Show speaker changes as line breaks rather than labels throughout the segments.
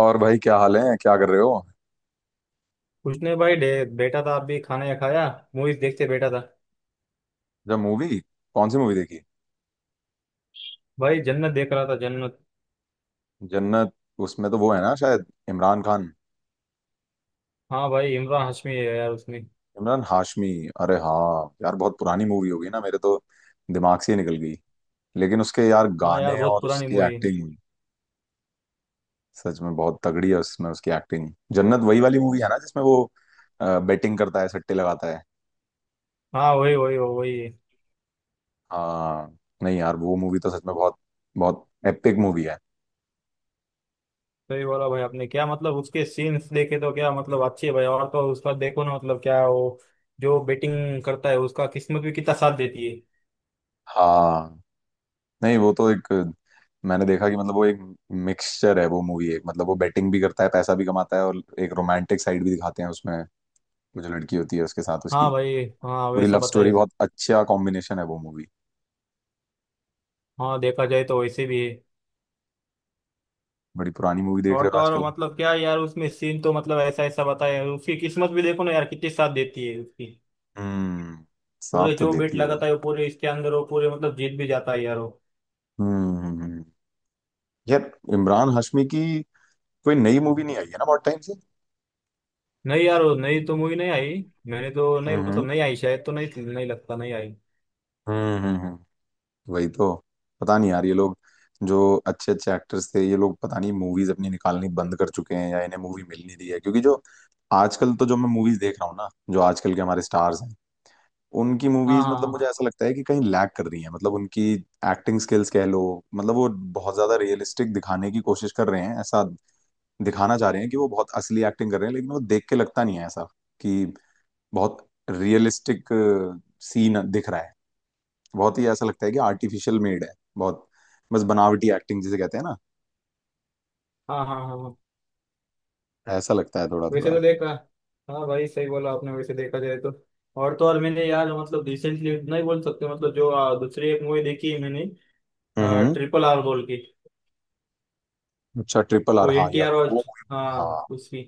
और भाई, क्या हाल है? क्या कर रहे हो?
कुछ नहीं भाई बैठा था। आप भी खाना या खाया। मूवीज देखते बैठा था।
जब मूवी कौन सी मूवी देखी?
भाई जन्नत देख रहा था, जन्नत।
जन्नत। उसमें तो वो है ना, शायद इमरान खान।
हाँ भाई, इमरान हाशमी है यार उसमें।
इमरान हाशमी। अरे हाँ यार, बहुत पुरानी मूवी होगी ना, मेरे तो दिमाग से ही निकल गई। लेकिन उसके यार
हाँ यार,
गाने
बहुत
और
पुरानी
उसकी
मूवी।
एक्टिंग सच में बहुत तगड़ी है, उसमें उसकी एक्टिंग। जन्नत वही वाली मूवी है ना, जिसमें वो बेटिंग करता है, सट्टे लगाता है।
हाँ, वही वही वही वही है।
हाँ। नहीं यार, वो मूवी तो सच में बहुत बहुत एपिक मूवी है।
सही बोला भाई आपने। क्या मतलब, उसके सीन्स देखे तो क्या मतलब अच्छे है भाई। और तो उसका देखो ना, मतलब क्या वो जो बेटिंग करता है उसका किस्मत भी कितना साथ देती है।
हाँ, नहीं वो तो एक, मैंने देखा कि मतलब वो एक मिक्सचर है वो मूवी, एक मतलब वो बेटिंग भी करता है, पैसा भी कमाता है और एक रोमांटिक साइड भी दिखाते हैं उसमें। वो जो लड़की होती है उसके साथ उसकी
हाँ भाई, हाँ
पूरी लव,
वैसा
हाँ, स्टोरी।
बताए।
बहुत अच्छा कॉम्बिनेशन है वो मूवी।
हाँ, देखा जाए तो वैसे भी है।
बड़ी पुरानी मूवी देख
और
रहे हो
तो और
आजकल।
मतलब क्या यार, उसमें सीन तो मतलब ऐसा ऐसा बताए। उसकी किस्मत भी देखो ना यार, कितनी साथ देती है उसकी।
हम्म।
पूरे
साथ तो
जो बेट
देती है।
लगाता है वो, पूरे इसके अंदर वो पूरे मतलब जीत भी जाता है यार वो।
हम्म हम्म, हम्म। यार इमरान हाशमी की कोई नई मूवी नहीं आई है ना, बहुत टाइम से।
नहीं यार, वो नई तो मूवी नहीं आई। मैंने तो नहीं,
हम्म
मतलब
हम्म
नहीं आई शायद, तो नहीं, नहीं लगता, नहीं आई।
हम्म हम्म, हम्म। वही तो। पता नहीं यार, ये लोग जो अच्छे अच्छे एक्टर्स थे, ये लोग पता नहीं मूवीज अपनी निकालनी बंद कर चुके हैं या इन्हें मूवी मिल नहीं रही है, क्योंकि जो आजकल तो जो मैं मूवीज देख रहा हूँ ना, जो आजकल के हमारे स्टार्स हैं, उनकी
हाँ
मूवीज मतलब
हाँ।
मुझे ऐसा लगता है कि कहीं लैग कर रही है, मतलब उनकी एक्टिंग स्किल्स कह लो। मतलब वो बहुत ज्यादा रियलिस्टिक दिखाने की कोशिश कर रहे हैं, ऐसा दिखाना चाह रहे हैं कि वो बहुत असली एक्टिंग कर रहे हैं, लेकिन वो देख के लगता नहीं है ऐसा कि बहुत रियलिस्टिक सीन दिख रहा है। बहुत ही ऐसा लगता है कि आर्टिफिशियल मेड है, बहुत, बस बनावटी एक्टिंग जिसे कहते हैं ना।
हाँ हाँ हाँ हाँ।
ऐसा लगता है थोड़ा
वैसे
थोड़ा।
तो देखा। हाँ भाई, सही बोला आपने। वैसे देखा जाए तो और मैंने यार, मतलब रिसेंटली नहीं बोल सकते, मतलब जो दूसरी एक मूवी देखी है मैंने।
हम्म।
ट्रिपल आर बोल के।
अच्छा, ट्रिपल आर,
वो
हाँ
एन टी
यार
आर
वो
और,
हाँ
हाँ, उसकी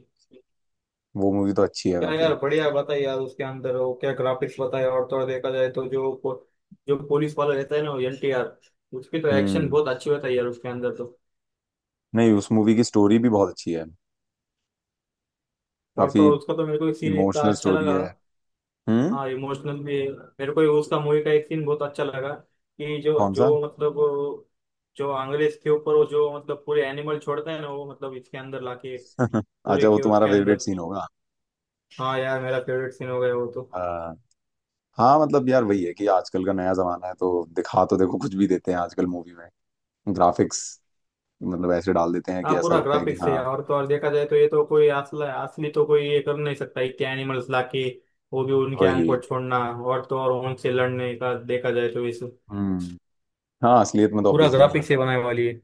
वो मूवी तो अच्छी है
क्या
काफी।
यार, बढ़िया बताइए यार। उसके अंदर वो क्या ग्राफिक्स बताया। और थोड़ा देखा जाए तो जो जो पुलिस वाला रहता है ना, वो एलटीआर, उसकी तो एक्शन
हम्म।
बहुत अच्छी होता है यार उसके अंदर तो।
नहीं, उस मूवी की स्टोरी भी बहुत अच्छी है,
और
काफी
तो और उसका तो मेरे को एक सीन इतना
इमोशनल
अच्छा
स्टोरी
लगा।
है। हम्म।
हाँ इमोशनल भी है। मेरे को उसका मूवी का एक सीन बहुत अच्छा लगा कि जो
कौन
जो
सा?
मतलब जो अंग्रेज के ऊपर वो जो मतलब पूरे एनिमल छोड़ता है ना, वो मतलब इसके अंदर लाके पूरे
अच्छा, वो
के
तुम्हारा
उसके
फेवरेट
अंदर।
सीन होगा।
हाँ यार, मेरा फेवरेट सीन हो गया वो तो।
आ, हाँ मतलब यार, वही है कि आजकल का नया जमाना है तो दिखा, तो देखो कुछ भी देते हैं आजकल मूवी में, ग्राफिक्स मतलब ऐसे डाल देते हैं
हाँ
कि ऐसा
पूरा
लगता है कि
ग्राफिक्स है।
हाँ।
और तो और देखा जाए तो ये तो कोई असला असली तो कोई ये कर नहीं सकता, इतने एनिमल्स लाके। वो भी उनके
वही।
आंख को छोड़ना। और तो और उनसे लड़ने का देखा जाए तो इस
हम्म। हाँ, असलियत में तो
पूरा
ऑब्वियसली नहीं हो
ग्राफिक्स से बनाने
सकता।
वाली है।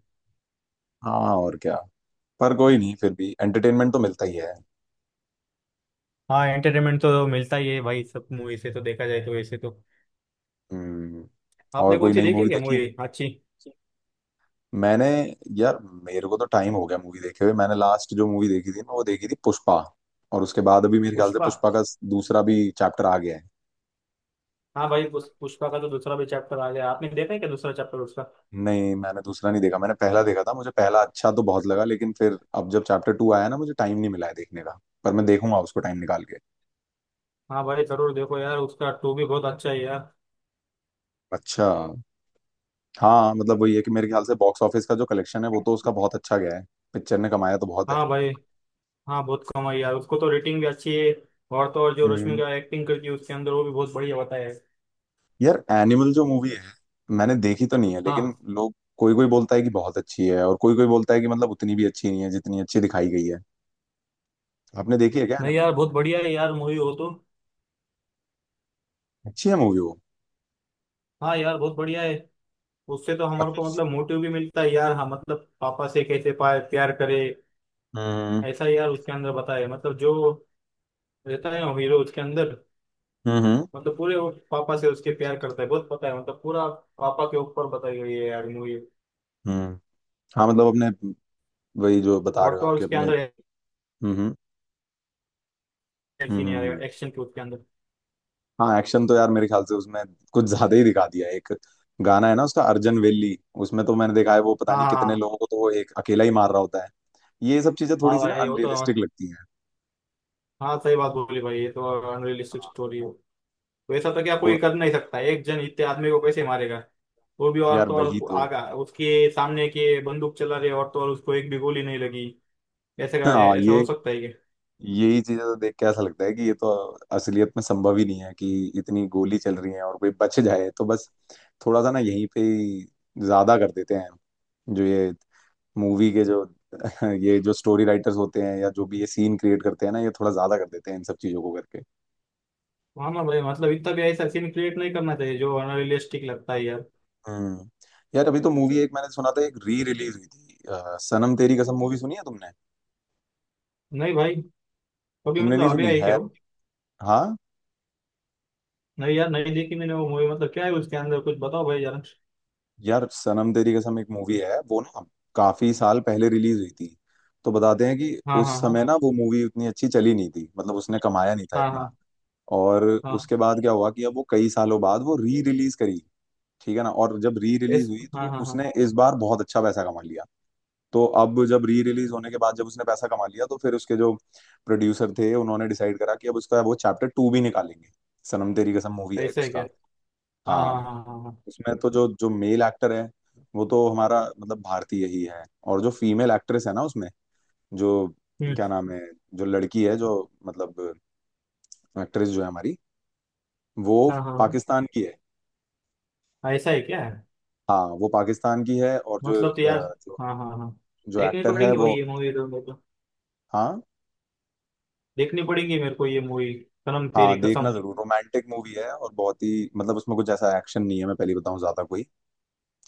हाँ और क्या, पर कोई नहीं, फिर भी एंटरटेनमेंट तो मिलता ही है।
हाँ एंटरटेनमेंट तो मिलता ही है भाई, सब मूवी से तो देखा जाए तो वैसे तो।
हम्म। और
आपने
कोई
कौन सी
नई
देखी,
मूवी
क्या
देखी?
मूवी अच्छी।
मैंने, यार मेरे को तो टाइम हो गया मूवी देखे हुए, मैंने लास्ट जो मूवी देखी थी ना वो देखी थी पुष्पा, और उसके बाद अभी मेरे ख्याल से
पुष्पा।
पुष्पा का दूसरा भी चैप्टर आ गया है।
हाँ भाई, पुष्पा का तो दूसरा भी चैप्टर आ गया। आपने देखा है क्या, दूसरा चैप्टर उसका।
नहीं, मैंने दूसरा नहीं देखा, मैंने पहला देखा था। मुझे पहला अच्छा तो बहुत लगा, लेकिन फिर अब जब चैप्टर टू आया ना, मुझे टाइम नहीं मिला है देखने का, पर मैं देखूंगा उसको टाइम निकाल के।
हाँ भाई, जरूर देखो यार, उसका टू भी बहुत अच्छा है यार।
अच्छा। हाँ मतलब वही है कि मेरे ख्याल से बॉक्स ऑफिस का जो कलेक्शन है वो तो उसका बहुत अच्छा गया है, पिक्चर ने कमाया तो बहुत है।
हाँ भाई। हाँ बहुत कम आई यार, उसको तो रेटिंग भी अच्छी है। और तो और जो रश्मि
हम्म।
का एक्टिंग करती है उसके अंदर, वो भी बहुत बढ़िया बताया है।
यार एनिमल जो मूवी है, मैंने देखी तो नहीं है लेकिन
हाँ।
लोग, कोई कोई बोलता है कि बहुत अच्छी है और कोई कोई बोलता है कि मतलब उतनी भी अच्छी नहीं है जितनी अच्छी दिखाई गई है। आपने देखी है क्या
नहीं
एनिमल?
यार, बहुत बढ़िया है यार मूवी हो तो।
अच्छी है मूवी वो।
हाँ यार, बहुत बढ़िया है। उससे तो हमारे को
अच्छा।
मतलब मोटिव भी मिलता है यार। हाँ मतलब, पापा से कैसे प्यार करे।
हम्म
ऐसा यार उसके अंदर बताया है। मतलब जो रहता है ना हीरो उसके अंदर,
हम्म हम्म
मतलब पूरे वो पापा से उसके प्यार करता है बहुत, पता है मतलब, पूरा पापा के ऊपर बताई गई है यार मूवी।
हम्म। हाँ मतलब अपने, वही जो बता
और
रहे हो
तो और
आपके
उसके
अपने।
अंदर
हम्म हम्म हम्म,
एक्शन
हम्म।
यार, एक्शन के उसके अंदर।
हाँ एक्शन तो यार, मेरे ख्याल से उसमें कुछ ज्यादा ही दिखा दिया। एक गाना है ना उसका, अर्जन वेली, उसमें तो मैंने देखा है, वो पता
हाँ
नहीं
हाँ
कितने
हाँ।
लोगों को तो वो एक अकेला ही मार रहा होता है। ये सब चीजें थोड़ी
हाँ
सी ना
भाई, वो तो।
अनरियलिस्टिक लगती हैं।
हाँ सही बात बोली भाई, ये तो अनरियलिस्टिक स्टोरी है। वैसा तो क्या, कोई
और
कर नहीं सकता। एक जन इतने आदमी को कैसे मारेगा। वो भी, और
यार,
तो
वही
और
तो।
आगा उसके सामने के बंदूक चला रहे, और तो और उसको एक भी गोली नहीं लगी। ऐसे का
हाँ
ऐसा हो
ये,
सकता है क्या।
यही चीजें तो देख के ऐसा लगता है कि ये तो असलियत में संभव ही नहीं है कि इतनी गोली चल रही है और कोई बच जाए, तो बस थोड़ा सा ना यहीं पे ही ज्यादा कर देते हैं जो ये मूवी के जो ये जो स्टोरी राइटर्स होते हैं या जो भी ये सीन क्रिएट करते हैं ना, ये थोड़ा ज्यादा कर देते हैं इन सब चीजों को करके।
हाँ ना भाई, मतलब इतना भी ऐसा सीन क्रिएट नहीं करना चाहिए जो अनरियलिस्टिक लगता है यार।
हम्म। यार अभी तो मूवी एक मैंने सुना था, एक री रिलीज हुई थी सनम तेरी कसम, मूवी सुनी है तुमने?
नहीं भाई। कभी
तुमने
मतलब
नहीं
आगे
सुनी
आई क्या
है?
वो।
हाँ
नहीं यार, नहीं देखी मैंने वो मूवी। मतलब क्या है उसके अंदर, कुछ बताओ भाई यार।
यार, सनम तेरी कसम एक मूवी है वो ना, काफी साल पहले रिलीज हुई थी, तो बताते हैं कि
हाँ
उस
हाँ हाँ।
समय ना वो मूवी उतनी अच्छी चली नहीं थी, मतलब उसने कमाया नहीं था
हाँ
इतना।
हाँ
और
हाँ।
उसके बाद क्या हुआ कि अब वो कई सालों बाद वो री रिलीज करी, ठीक है ना, और जब री रिलीज
ऐस
हुई
हाँ
तो
हाँ हाँ।
उसने इस बार बहुत अच्छा पैसा कमा लिया। तो अब जब री रिलीज होने के बाद जब उसने पैसा कमा लिया, तो फिर उसके जो प्रोड्यूसर थे उन्होंने डिसाइड करा कि अब उसका वो चैप्टर टू भी निकालेंगे, सनम तेरी कसम मूवी है एक
ऐसा है क्या।
उसका।
हाँ
हाँ,
हाँ हाँ हाँ हाँ।
उसमें तो जो जो मेल एक्टर है वो तो हमारा मतलब भारतीय ही है, और जो फीमेल एक्ट्रेस है ना उसमें, जो,
हम्म।
क्या नाम है? जो लड़की है, जो मतलब एक्ट्रेस जो है हमारी, वो
हाँ हाँ
पाकिस्तान की है।
हाँ, ऐसा है क्या।
हाँ वो पाकिस्तान की है, और जो
मतलब तो यार,
अ, जो,
हाँ हाँ हाँ,
जो
देखनी
एक्टर है
पड़ेगी भाई
वो।
ये मूवी तो मेरे को।
हाँ
देखनी पड़ेगी मेरे को ये मूवी, सनम तेरी
हाँ, देखना
कसम।
जरूर। रोमांटिक मूवी है और बहुत ही मतलब उसमें कुछ ऐसा एक्शन नहीं है, मैं पहले बताऊं, ज्यादा कोई,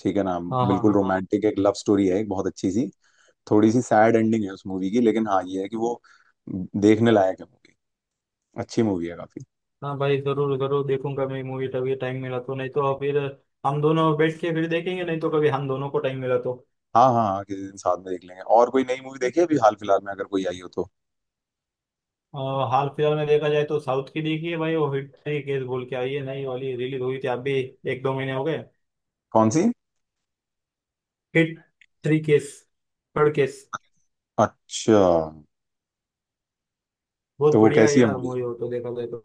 ठीक है ना।
हाँ हाँ
बिल्कुल, हाँ
हाँ।
रोमांटिक एक लव स्टोरी है, एक बहुत अच्छी सी। थोड़ी सी सैड एंडिंग है उस मूवी की, लेकिन हाँ ये है कि वो देखने लायक है मूवी, अच्छी मूवी है काफी।
हाँ भाई, जरूर जरूर देखूंगा मैं मूवी, तभी टाइम मिला तो। नहीं तो फिर हम दोनों बैठ के फिर देखेंगे, नहीं तो कभी हम दोनों को टाइम मिला तो।
हाँ हाँ हाँ, किसी दिन साथ में देख लेंगे। और कोई नई मूवी देखी है अभी हाल फिलहाल में, अगर कोई आई हो तो?
अ, हाल फिलहाल में देखा जाए तो साउथ की देखी है भाई, वो हिट थ्री केस बोल के आई है, नई वाली रिलीज हुई थी अभी। एक दो महीने हो गए।
कौन सी?
Hit three case. Third case.
अच्छा,
बहुत
तो वो
बढ़िया है
कैसी है
यार
मूवी,
मूवी हो तो, देखा जाए तो।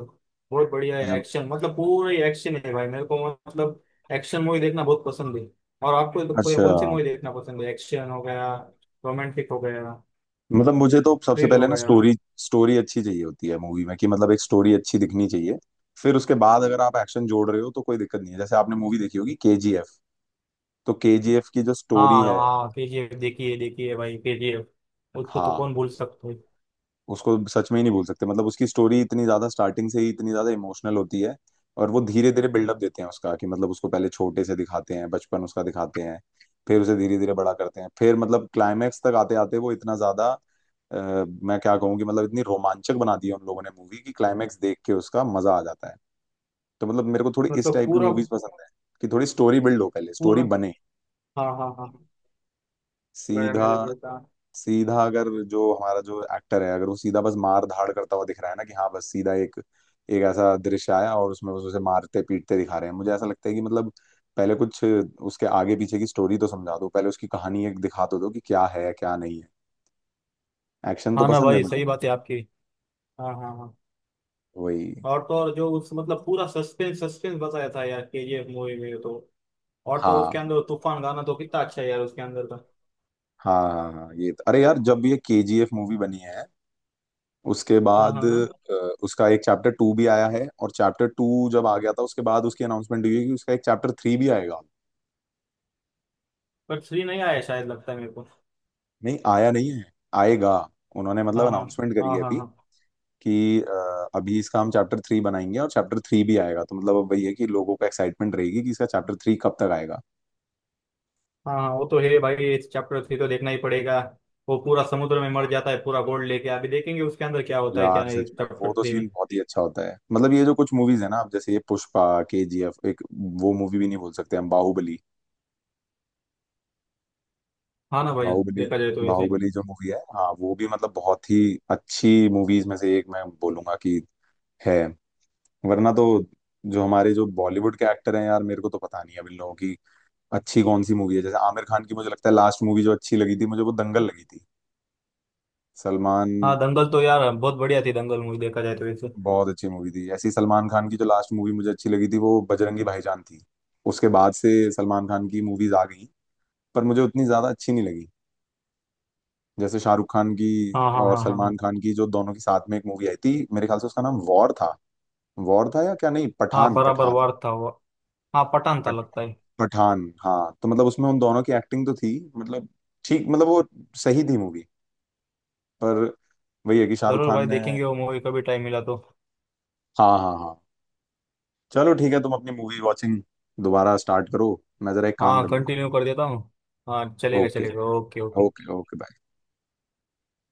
बहुत बढ़िया है
मतलब।
एक्शन, मतलब पूरा ही एक्शन है भाई। मेरे को मतलब एक्शन मूवी देखना बहुत पसंद है। और आपको तो कोई
अच्छा,
कौन सी मूवी देखना पसंद है, एक्शन हो गया, रोमांटिक हो गया,
मतलब मुझे तो सबसे
थ्रिल हो
पहले ना
गया।
स्टोरी, स्टोरी अच्छी चाहिए होती है मूवी में, कि मतलब एक स्टोरी अच्छी दिखनी चाहिए। फिर उसके बाद अगर आप एक्शन जोड़ रहे हो तो कोई दिक्कत नहीं है, जैसे आपने मूवी देखी होगी केजीएफ, तो केजीएफ की जो स्टोरी
हाँ
है।
हाँ, केजीएफ। देखिए देखिए भाई केजीएफ, उसको तो
हाँ,
कौन भूल सकता है।
उसको सच में ही नहीं भूल सकते, मतलब उसकी स्टोरी इतनी ज्यादा स्टार्टिंग से ही इतनी ज्यादा इमोशनल होती है। और वो धीरे धीरे बिल्डअप देते हैं उसका कि मतलब उसको पहले छोटे से दिखाते हैं, बचपन उसका दिखाते हैं, फिर उसे धीरे धीरे बड़ा करते हैं, फिर मतलब क्लाइमैक्स तक आते आते वो इतना ज्यादा, मैं क्या कहूँ कि मतलब इतनी रोमांचक बना दी है उन लोगों ने मूवी कि क्लाइमैक्स देख के उसका मजा आ जाता है। तो मतलब मेरे को थोड़ी इस
मतलब
टाइप की
पूरा।
मूवीज पसंद है, कि थोड़ी स्टोरी बिल्ड हो, पहले स्टोरी
पूरा।
बने।
हाँ हाँ हाँ गया मेरे
सीधा,
बेटा।
सीधा अगर जो हमारा जो एक्टर है, अगर वो सीधा बस मार धाड़ करता हुआ दिख रहा है ना कि हाँ बस सीधा एक एक ऐसा दृश्य आया और उसमें बस उसे मारते पीटते दिखा रहे हैं, मुझे ऐसा लगता है कि मतलब पहले कुछ उसके आगे पीछे की स्टोरी तो समझा दो, पहले उसकी कहानी एक दिखा तो दो कि क्या है क्या नहीं है। एक्शन तो
हाँ ना
पसंद है
भाई
मुझे
सही
भी,
बात है आपकी। हाँ हाँ हाँ।
वही।
और तो और जो उस मतलब पूरा सस्पेंस सस्पेंस बताया था यार केजीएफ मूवी में तो। और तो
हाँ
उसके अंदर तूफान गाना तो कितना अच्छा है यार उसके अंदर का।
हाँ हाँ हाँ अरे यार, जब ये केजीएफ मूवी बनी है उसके
हाँ
बाद
हाँ हाँ।
उसका एक चैप्टर टू भी आया है, और चैप्टर टू जब आ गया था उसके बाद उसकी अनाउंसमेंट हुई है कि उसका एक चैप्टर थ्री भी आएगा।
पर थ्री नहीं आया शायद, लगता है मेरे को।
नहीं आया नहीं है, आएगा। उन्होंने मतलब
हाँ हाँ
अनाउंसमेंट करी
हाँ।
है
हाँ
अभी
हाँ
कि अभी इसका हम चैप्टर थ्री बनाएंगे, और चैप्टर थ्री भी आएगा, तो मतलब अब वही है कि लोगों को एक्साइटमेंट रहेगी कि इसका चैप्टर थ्री कब तक आएगा।
हाँ हाँ। वो तो है भाई, चैप्टर थ्री तो देखना ही पड़ेगा। वो पूरा समुद्र में मर जाता है पूरा गोल्ड लेके, अभी देखेंगे उसके अंदर क्या होता है क्या
यार
नहीं
सच में वो
चैप्टर
तो
थ्री
सीन
में।
बहुत ही अच्छा होता है, मतलब ये जो कुछ मूवीज है ना, अब जैसे ये पुष्पा केजीएफ एक, वो मूवी भी नहीं बोल सकते हम, बाहुबली,
हाँ ना भाई
बाहुबली।
देखा जाए तो वैसे।
बाहुबली जो मूवी है, हाँ वो भी मतलब बहुत ही अच्छी मूवीज में से एक मैं बोलूंगा कि है। वरना तो जो हमारे जो बॉलीवुड के एक्टर हैं यार, मेरे को तो पता नहीं है अब इन लोगों की अच्छी कौन सी मूवी है, जैसे आमिर खान की मुझे लगता है लास्ट मूवी जो अच्छी लगी थी मुझे वो दंगल लगी थी। सलमान,
हाँ दंगल तो यार बहुत बढ़िया थी, दंगल मूवी देखा जाए तो वैसे।
बहुत अच्छी मूवी थी ऐसी सलमान खान की, जो लास्ट मूवी मुझे अच्छी लगी थी वो बजरंगी भाईजान थी। उसके बाद से सलमान खान की मूवीज आ गई पर मुझे उतनी ज्यादा अच्छी नहीं लगी, जैसे शाहरुख खान की
हाँ हाँ
और
हाँ हाँ
सलमान
हाँ।
खान की जो दोनों की साथ में एक मूवी आई थी मेरे ख्याल से उसका नाम वॉर था, वॉर था या क्या, नहीं
हाँ
पठान,
बराबर,
पठान,
वार था वो। हाँ, पठान था
पठ-
लगता है।
पठान। हाँ, तो मतलब उसमें उन दोनों की एक्टिंग तो थी, मतलब ठीक, मतलब वो सही थी मूवी, पर वही है कि शाहरुख
जरूर
खान
भाई,
ने,
देखेंगे वो मूवी कभी टाइम मिला तो।
हाँ हाँ हाँ, चलो ठीक है, तुम अपनी मूवी वॉचिंग दोबारा स्टार्ट करो, मैं जरा एक काम
हाँ
कर लूँ।
कंटिन्यू कर देता हूँ। हाँ चलेगा
ओके,
चलेगा, ओके
ओके
ओके।
ओके